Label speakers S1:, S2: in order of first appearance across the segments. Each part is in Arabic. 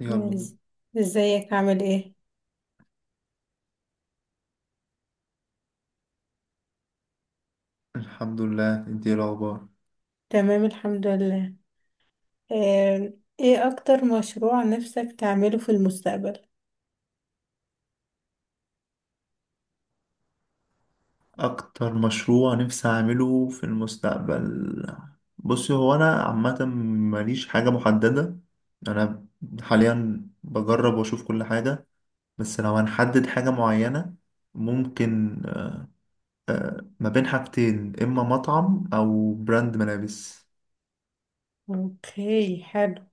S1: يلا بينا.
S2: إز- ازيك عامل ايه؟
S1: الحمد لله. انت ايه الاخبار؟
S2: تمام الحمد لله. آه، ايه اكتر مشروع نفسك تعمله في المستقبل؟
S1: اكتر مشروع نفسي اعمله في المستقبل. بصي، هو انا عامه ماليش حاجه محدده. انا حاليا بجرب واشوف كل حاجه. بس لو هنحدد حاجه معينه ممكن، ما بين حاجتين اما مطعم او براند ملابس.
S2: اوكي حلو.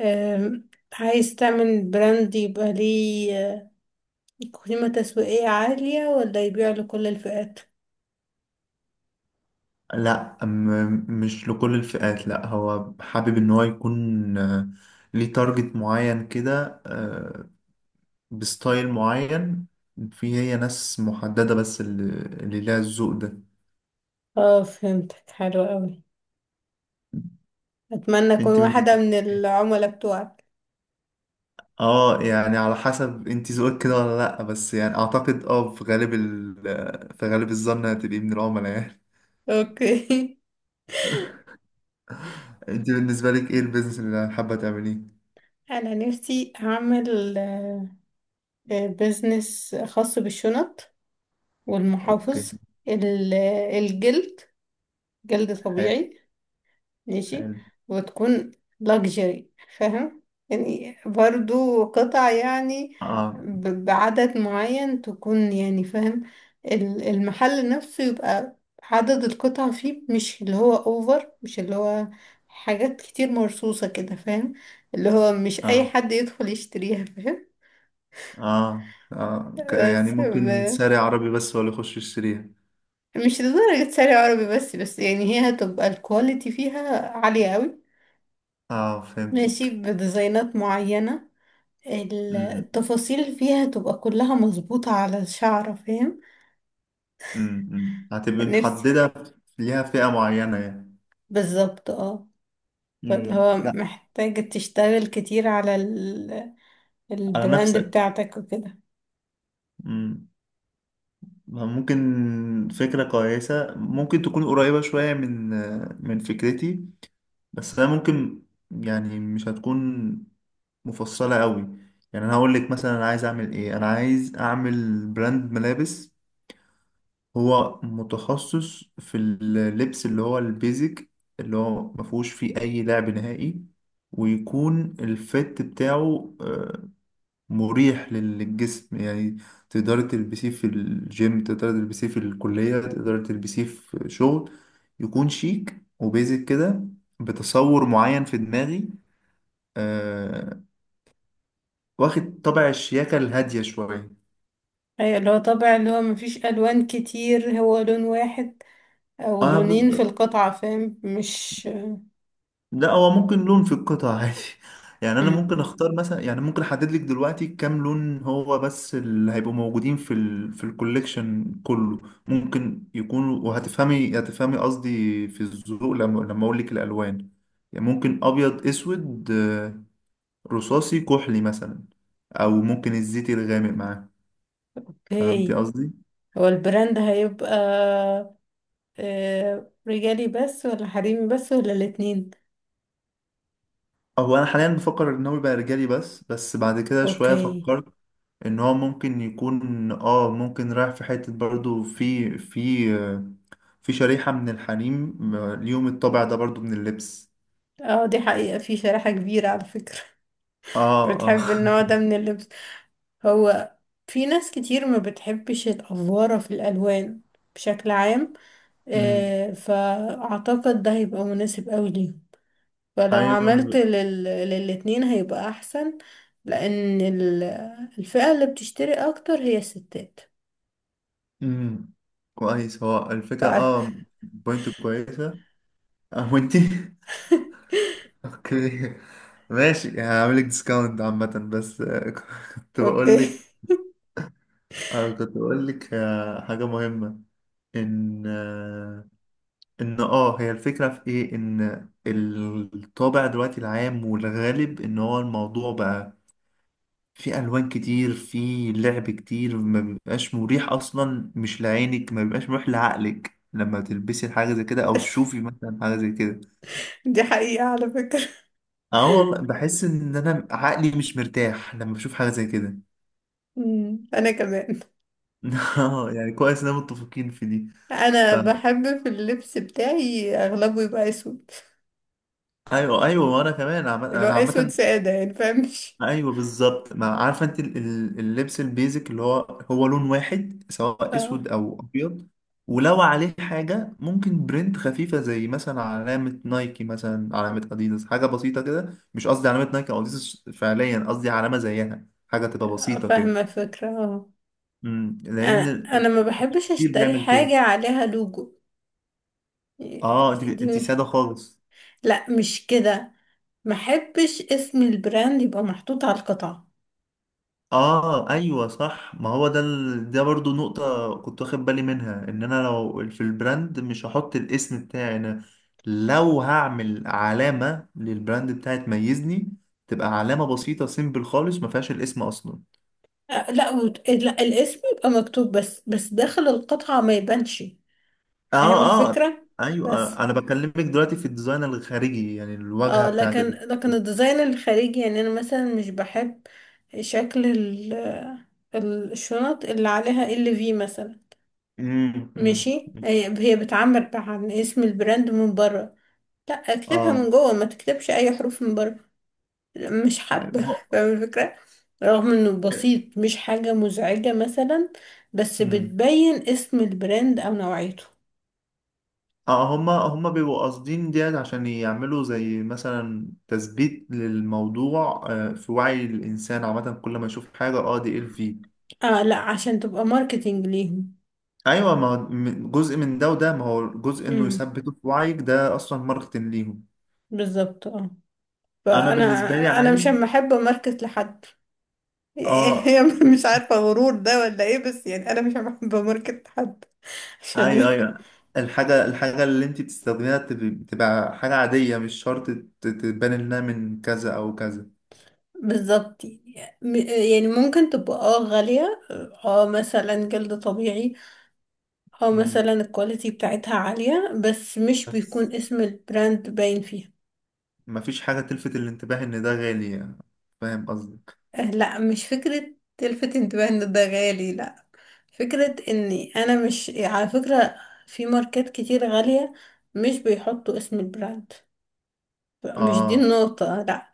S2: عايز تعمل براند يبقى ليه قيمة تسويقية عالية ولا يبيع لكل الفئات؟
S1: لا، مش لكل الفئات. لا، هو حابب ان هو يكون ليه تارجت معين كده، بستايل معين. في هي ناس محددة بس اللي ليها الذوق ده.
S2: اه فهمتك حلو قوي، اتمنى اكون
S1: انت
S2: واحدة
S1: بالنسبة
S2: من
S1: لك،
S2: العملاء بتوعك.
S1: اه يعني على حسب انت ذوقك كده ولا لأ، بس يعني اعتقد في غالب الظن هتبقي من العملاء يعني.
S2: اوكي.
S1: انت بالنسبة لك ايه البيزنس اللي حابة تعمليه؟
S2: انا نفسي اعمل بزنس خاص بالشنط
S1: اوكي،
S2: والمحافظ. ال- الجلد، جلد
S1: حلو.
S2: طبيعي، ماشي،
S1: حلو.
S2: وتكون لاكجري، فاهم يعني؟ برضو قطع يعني
S1: اه،
S2: بعدد معين تكون، يعني فاهم؟ المحل نفسه يبقى عدد القطع فيه مش اللي هو اوفر، مش اللي هو حاجات كتير مرصوصة كده، فاهم؟ اللي هو مش اي
S1: اه،
S2: حد يدخل يشتريها، فاهم؟
S1: اه، اه، يعني
S2: بس
S1: ممكن ساري عربي بس ولا يخش يشتريها.
S2: مش لدرجة شارع عربي بس، بس يعني هي هتبقى الكواليتي فيها عالية قوي.
S1: اه،
S2: ماشي
S1: فهمتك.
S2: بديزاينات معينة،
S1: أمم،
S2: التفاصيل فيها تبقى كلها مظبوطة على الشعر، فاهم؟
S1: أمم، أمم. هتبقي
S2: نفسي
S1: محددة ليها فئة معينة يعني.
S2: بالظبط، اه. فاللي
S1: مم.
S2: هو
S1: لا.
S2: محتاج تشتغل كتير على ال...
S1: على
S2: البراند
S1: نفسك.
S2: بتاعتك وكده.
S1: مم. ممكن فكرة كويسة، ممكن تكون قريبة شوية من فكرتي. بس أنا ممكن، يعني مش هتكون مفصلة قوي. يعني أنا هقول لك مثلا، أنا عايز أعمل إيه؟ أنا عايز أعمل براند ملابس. هو متخصص في اللبس اللي هو البيزك، اللي هو مفهوش فيه أي لعب نهائي. ويكون الفت بتاعه مريح للجسم يعني. تقدري تلبسيه في الجيم، تقدري تلبسيه في الكلية، تقدري تلبسيه في شغل. يكون شيك وبيزك كده. بتصور معين في دماغي. آه واخد طبع الشياكة الهادية شوية.
S2: ايوه اللي هو طبع، اللي هو مفيش ألوان كتير، هو لون واحد أو
S1: أنا
S2: لونين في القطعة، فاهم مش؟
S1: لا، هو ممكن لون في القطع عادي. يعني انا
S2: مم.
S1: ممكن اختار مثلا، يعني ممكن احدد لك دلوقتي كام لون هو بس اللي هيبقوا موجودين في الكوليكشن كله. ممكن يكونوا، وهتفهمي هتفهمي قصدي في الذوق لما اقول لك الالوان. يعني ممكن ابيض، اسود، رصاصي، كحلي مثلا. او ممكن الزيتي الغامق معاه. فهمتي
S2: اوكي،
S1: قصدي؟
S2: هو البراند هيبقى رجالي بس ولا حريمي بس ولا الاتنين؟
S1: هو انا حاليا بفكر ان هو يبقى رجالي بس، بس بعد كده شويه
S2: اوكي.
S1: فكرت ان هو ممكن يكون، ممكن رايح في حتة برضو في في شريحة من الحريم، ليهم الطابع ده برضو من اللبس.
S2: اه دي حقيقة، في شريحة كبيرة على فكرة.
S1: اه، اه.
S2: بتحب النوع ده من اللبس؟ هو في ناس كتير ما بتحبش الأفوارة في الألوان بشكل عام،
S1: أمم.
S2: فأعتقد ده هيبقى مناسب قوي ليه. فلو
S1: ايوه، أنا
S2: عملت لل... للاتنين هيبقى أحسن، لأن الفئة اللي بتشتري أكتر هي الستات.
S1: أمم. كويس، هو الفكرة
S2: ف-
S1: بوينت كويسة. اه، وانتي؟ اوكي، ماشي، هعملك ديسكاونت عامة بس، كنت
S2: اوكي.
S1: بقولك. اه كنت بقولك، حاجة مهمة. ان آه، ان هي الفكرة في ايه، ان الطابع دلوقتي العام والغالب ان هو الموضوع بقى في الوان كتير، في لعب كتير، ما بيبقاش مريح اصلا، مش لعينك، ما بيبقاش مريح لعقلك لما تلبسي حاجة زي كده او تشوفي مثلا حاجة زي كده.
S2: دي حقيقة على فكرة.
S1: اه والله، بحس ان انا عقلي مش مرتاح لما بشوف حاجة زي كده.
S2: مم. أنا كمان
S1: اه، يعني كويس اننا متفقين في دي. ف...
S2: انا بحب في اللبس بتاعي اغلبه يبقى اسود،
S1: ايوه، ايوه، وانا كمان
S2: اللي هو
S1: انا
S2: اسود
S1: عامة.
S2: ساده يعني، فاهم مش؟
S1: ايوه بالظبط، ما عارفه انت اللبس البيزك اللي هو هو لون واحد سواء
S2: اه.
S1: اسود او ابيض. ولو عليه حاجه ممكن برنت خفيفه زي مثلا علامه نايكي، مثلا علامه اديداس، حاجه بسيطه كده. مش قصدي علامه نايكي او اديداس فعليا، قصدي علامه زيها، حاجه تبقى بسيطه كده.
S2: فاهمه الفكره، اه. انا،
S1: لان
S2: انا ما بحبش
S1: كتير
S2: اشتري
S1: بيعمل كده.
S2: حاجه عليها لوجو.
S1: اه، انت
S2: دي.
S1: انت ساده خالص.
S2: لا مش كده، ما بحبش اسم البراند يبقى محطوط على القطعه.
S1: اه، ايوه صح، ما هو ده برضو نقطة كنت واخد بالي منها، ان انا لو في البراند مش هحط الاسم بتاعي انا. لو هعمل علامة للبراند بتاعي تميزني، تبقى علامة بسيطة سيمبل خالص ما فيهاش الاسم اصلا.
S2: لا الاسم يبقى مكتوب بس، بس داخل القطعه ما يبانش، فاهم
S1: اه، اه،
S2: الفكره؟
S1: ايوه،
S2: بس
S1: انا بكلمك دلوقتي في الديزاين الخارجي، يعني الواجهة
S2: اه،
S1: بتاعت
S2: لكن لكن الديزاين الخارجي يعني، انا مثلا مش بحب شكل ال، الشنط اللي عليها ال في مثلا.
S1: أمم،
S2: ماشي،
S1: أمم.
S2: هي بتعبر عن اسم البراند من بره. لا اكتبها
S1: اه،
S2: من جوه، ما تكتبش اي حروف من بره. مش حابه.
S1: ايوه،
S2: فاهم الفكره؟ رغم انه
S1: إيه،
S2: بسيط، مش حاجه مزعجه مثلا، بس
S1: أمم.
S2: بتبين اسم البراند او نوعيته.
S1: اه هما هما بيبقوا قاصدين ديت عشان يعملوا زي مثلا تثبيت للموضوع، في وعي الإنسان عامة، كل ما يشوف حاجة دي في.
S2: اه، لا عشان تبقى ماركتينج ليهم.
S1: أيوة، ما هو جزء من ده، وده ما هو جزء إنه
S2: امم،
S1: يثبته في وعيك، ده أصلا ماركتنج ليهم.
S2: بالظبط اه.
S1: أنا
S2: فانا،
S1: بالنسبة لي
S2: انا
S1: عايز.
S2: مش محبه ماركت لحد.
S1: اه،
S2: يعني مش عارفه غرور ده ولا ايه، بس يعني انا مش محبه ماركت لحد عشان
S1: أيوة،
S2: يعني،
S1: أيوة. الحاجة اللي أنت بتستخدميها تبقى حاجة عادية، مش شرط تبان إنها من كذا أو كذا.
S2: بالظبط. يعني ممكن تبقى اه غاليه، اه مثلا جلد طبيعي، اه
S1: مم.
S2: مثلا الكواليتي بتاعتها عاليه، بس مش
S1: بس
S2: بيكون اسم البراند باين فيها.
S1: مفيش حاجة تلفت الانتباه إن ده غالي يعني. فاهم قصدي؟
S2: لا مش فكره تلفت انتباه ان ده غالي، لا. فكره اني انا مش، على فكره في ماركات كتير غاليه مش بيحطوا اسم البراند، مش دي
S1: اه،
S2: النقطة لا.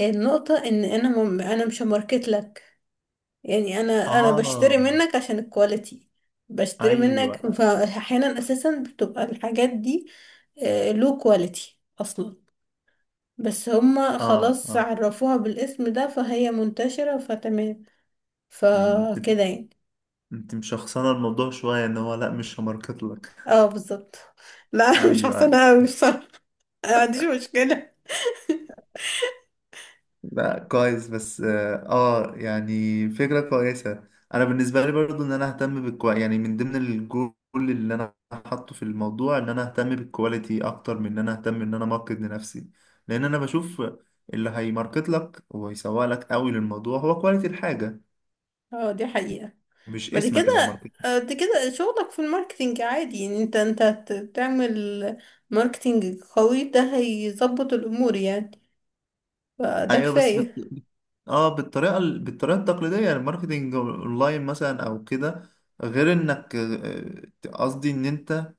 S2: النقطة ان انا مم... انا مش ماركت لك، يعني انا
S1: اه،
S2: بشتري منك عشان الكواليتي، بشتري منك،
S1: ايوه،
S2: فاحيانا اساسا بتبقى الحاجات دي، لو كواليتي اصلا، بس هما
S1: اه،
S2: خلاص
S1: اه.
S2: عرفوها بالاسم ده فهي منتشرة فتمام.
S1: م- انت
S2: فكده يعني،
S1: انت مشخصنه الموضوع شويه، ان هو لا مش هماركت لك.
S2: اه بالظبط. لا مش
S1: ايوه،
S2: حاسة
S1: ايوه.
S2: انا أوي بصراحة، ما عنديش مشكلة.
S1: لا كويس، بس يعني فكره كويسه. انا بالنسبه لي برضو ان انا اهتم يعني من ضمن الجول اللي انا حاطه في الموضوع ان انا اهتم بالكواليتي اكتر من ان انا اهتم ان انا ماركت لنفسي. لان انا بشوف اللي هيماركت لك ويسوق لك قوي للموضوع هو كواليتي الحاجه،
S2: اه دي حقيقة.
S1: مش
S2: بعد
S1: اسمك اللي
S2: كده،
S1: هيماركت.
S2: بعد كده شغلك في الماركتينج عادي، يعني انت، انت تعمل ماركتينج قوي ده هيظبط الامور يعني، فده
S1: ايوه، بس
S2: كفاية.
S1: اه بالطريقه التقليديه، يعني الماركتنج اونلاين مثلا او كده. غير انك قصدي ان انت،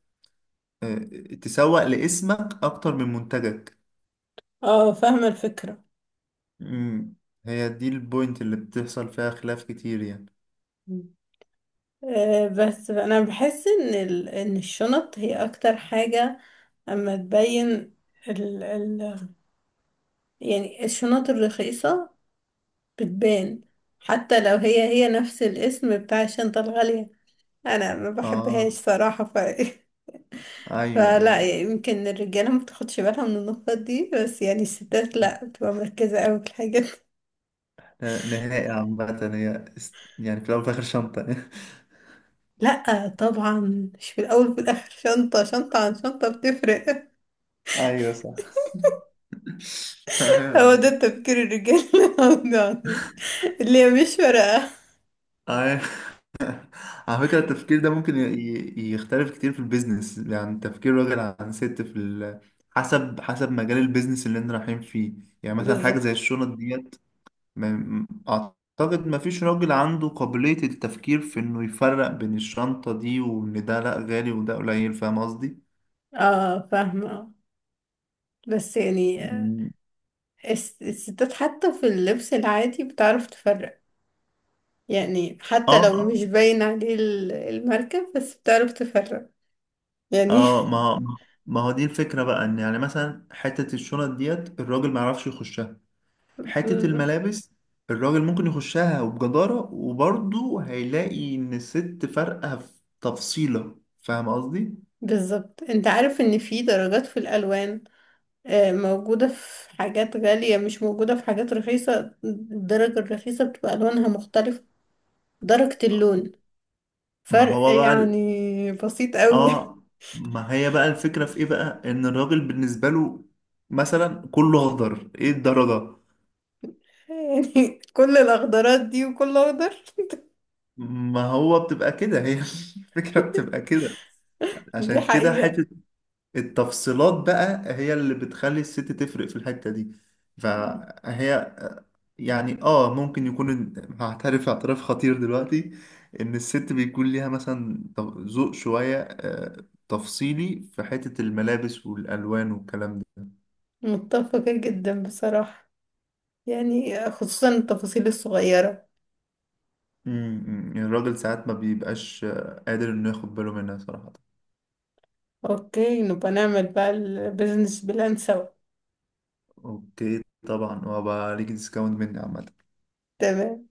S1: آه، تسوق لاسمك اكتر من منتجك.
S2: اه فاهمة الفكرة.
S1: امم هي دي البوينت اللي بتحصل فيها خلاف كتير يعني.
S2: مم. بس انا بحس ان ال... ان الشنط هي اكتر حاجة اما تبين ال... ال... يعني الشنط الرخيصة بتبان حتى لو هي نفس الاسم بتاع الشنطة الغالية، انا ما بحبهاش
S1: اه،
S2: صراحة ف
S1: ايوه،
S2: فلا
S1: ايوه.
S2: يعني، يمكن الرجالة ما بتاخدش بالها من النقط دي، بس يعني الستات لا بتبقى مركزة قوي في الحاجات دي.
S1: نهائي عامة، هي يعني في الاول وفي الاخر شنطة.
S2: لا طبعا، مش في الأول وفي الآخر شنطة، شنطة عن شنطة بتفرق.
S1: ايوه صح.
S2: هو
S1: تمام.
S2: ده تفكير الرجالة، يعني اللي هي مش فارقة.
S1: ايوه، على فكرة التفكير ده ممكن يختلف كتير في البيزنس، يعني تفكير راجل عن ست في حسب مجال البيزنس اللي انت رايحين فيه. يعني مثلا حاجة زي
S2: بالظبط،
S1: الشنط ديت. ما... م- أعتقد ما فيش راجل عنده قابلية التفكير في إنه يفرق بين الشنطة دي، وإن ده لأ غالي وده قليل. فاهم قصدي؟
S2: اه فاهمة، بس يعني
S1: مم.
S2: الستات حتى في اللبس العادي بتعرف تفرق، يعني حتى
S1: اه،
S2: لو
S1: اه،
S2: مش باين عليه الماركة، بس بتعرف تفرق يعني.
S1: آه، ما ما هو دي الفكرة بقى، إن يعني مثلا حتة الشنط ديت الراجل ما يعرفش يخشها. حتة الملابس الراجل ممكن يخشها وبجدارة، وبرضه هيلاقي إن الست فارقة في تفصيلة. فاهم قصدي؟
S2: بالظبط، انت عارف ان في درجات في الالوان، موجودة في حاجات غالية مش موجودة في حاجات رخيصة، الدرجة الرخيصة بتبقى الوانها مختلفة، درجة اللون
S1: ما
S2: فرق
S1: هو بقى
S2: يعني بسيط قوي.
S1: آه ما هي بقى الفكرة في إيه بقى؟ إن الراجل بالنسبة له مثلا كله أخضر، إيه الدرجة؟
S2: يعني كل الاخضرات دي وكل اخضر.
S1: ما هو بتبقى كده هي. الفكرة بتبقى كده.
S2: دي
S1: عشان كده
S2: حقيقة.
S1: حتة التفصيلات بقى هي اللي بتخلي الست تفرق في الحتة دي. فهي يعني ممكن يكون، هعترف اعتراف خطير دلوقتي، ان الست بيكون ليها مثلا ذوق شوية تفصيلي في حتة الملابس والالوان والكلام ده.
S2: متفقة جدا بصراحة، يعني خصوصا التفاصيل الصغيرة.
S1: يعني الراجل ساعات ما بيبقاش قادر انه ياخد باله منها صراحة.
S2: اوكي نبقى نعمل بقى البيزنس بلان سوا.
S1: اوكي، طبعا، وبقى ليك ديسكاونت مني عامة.
S2: تمام.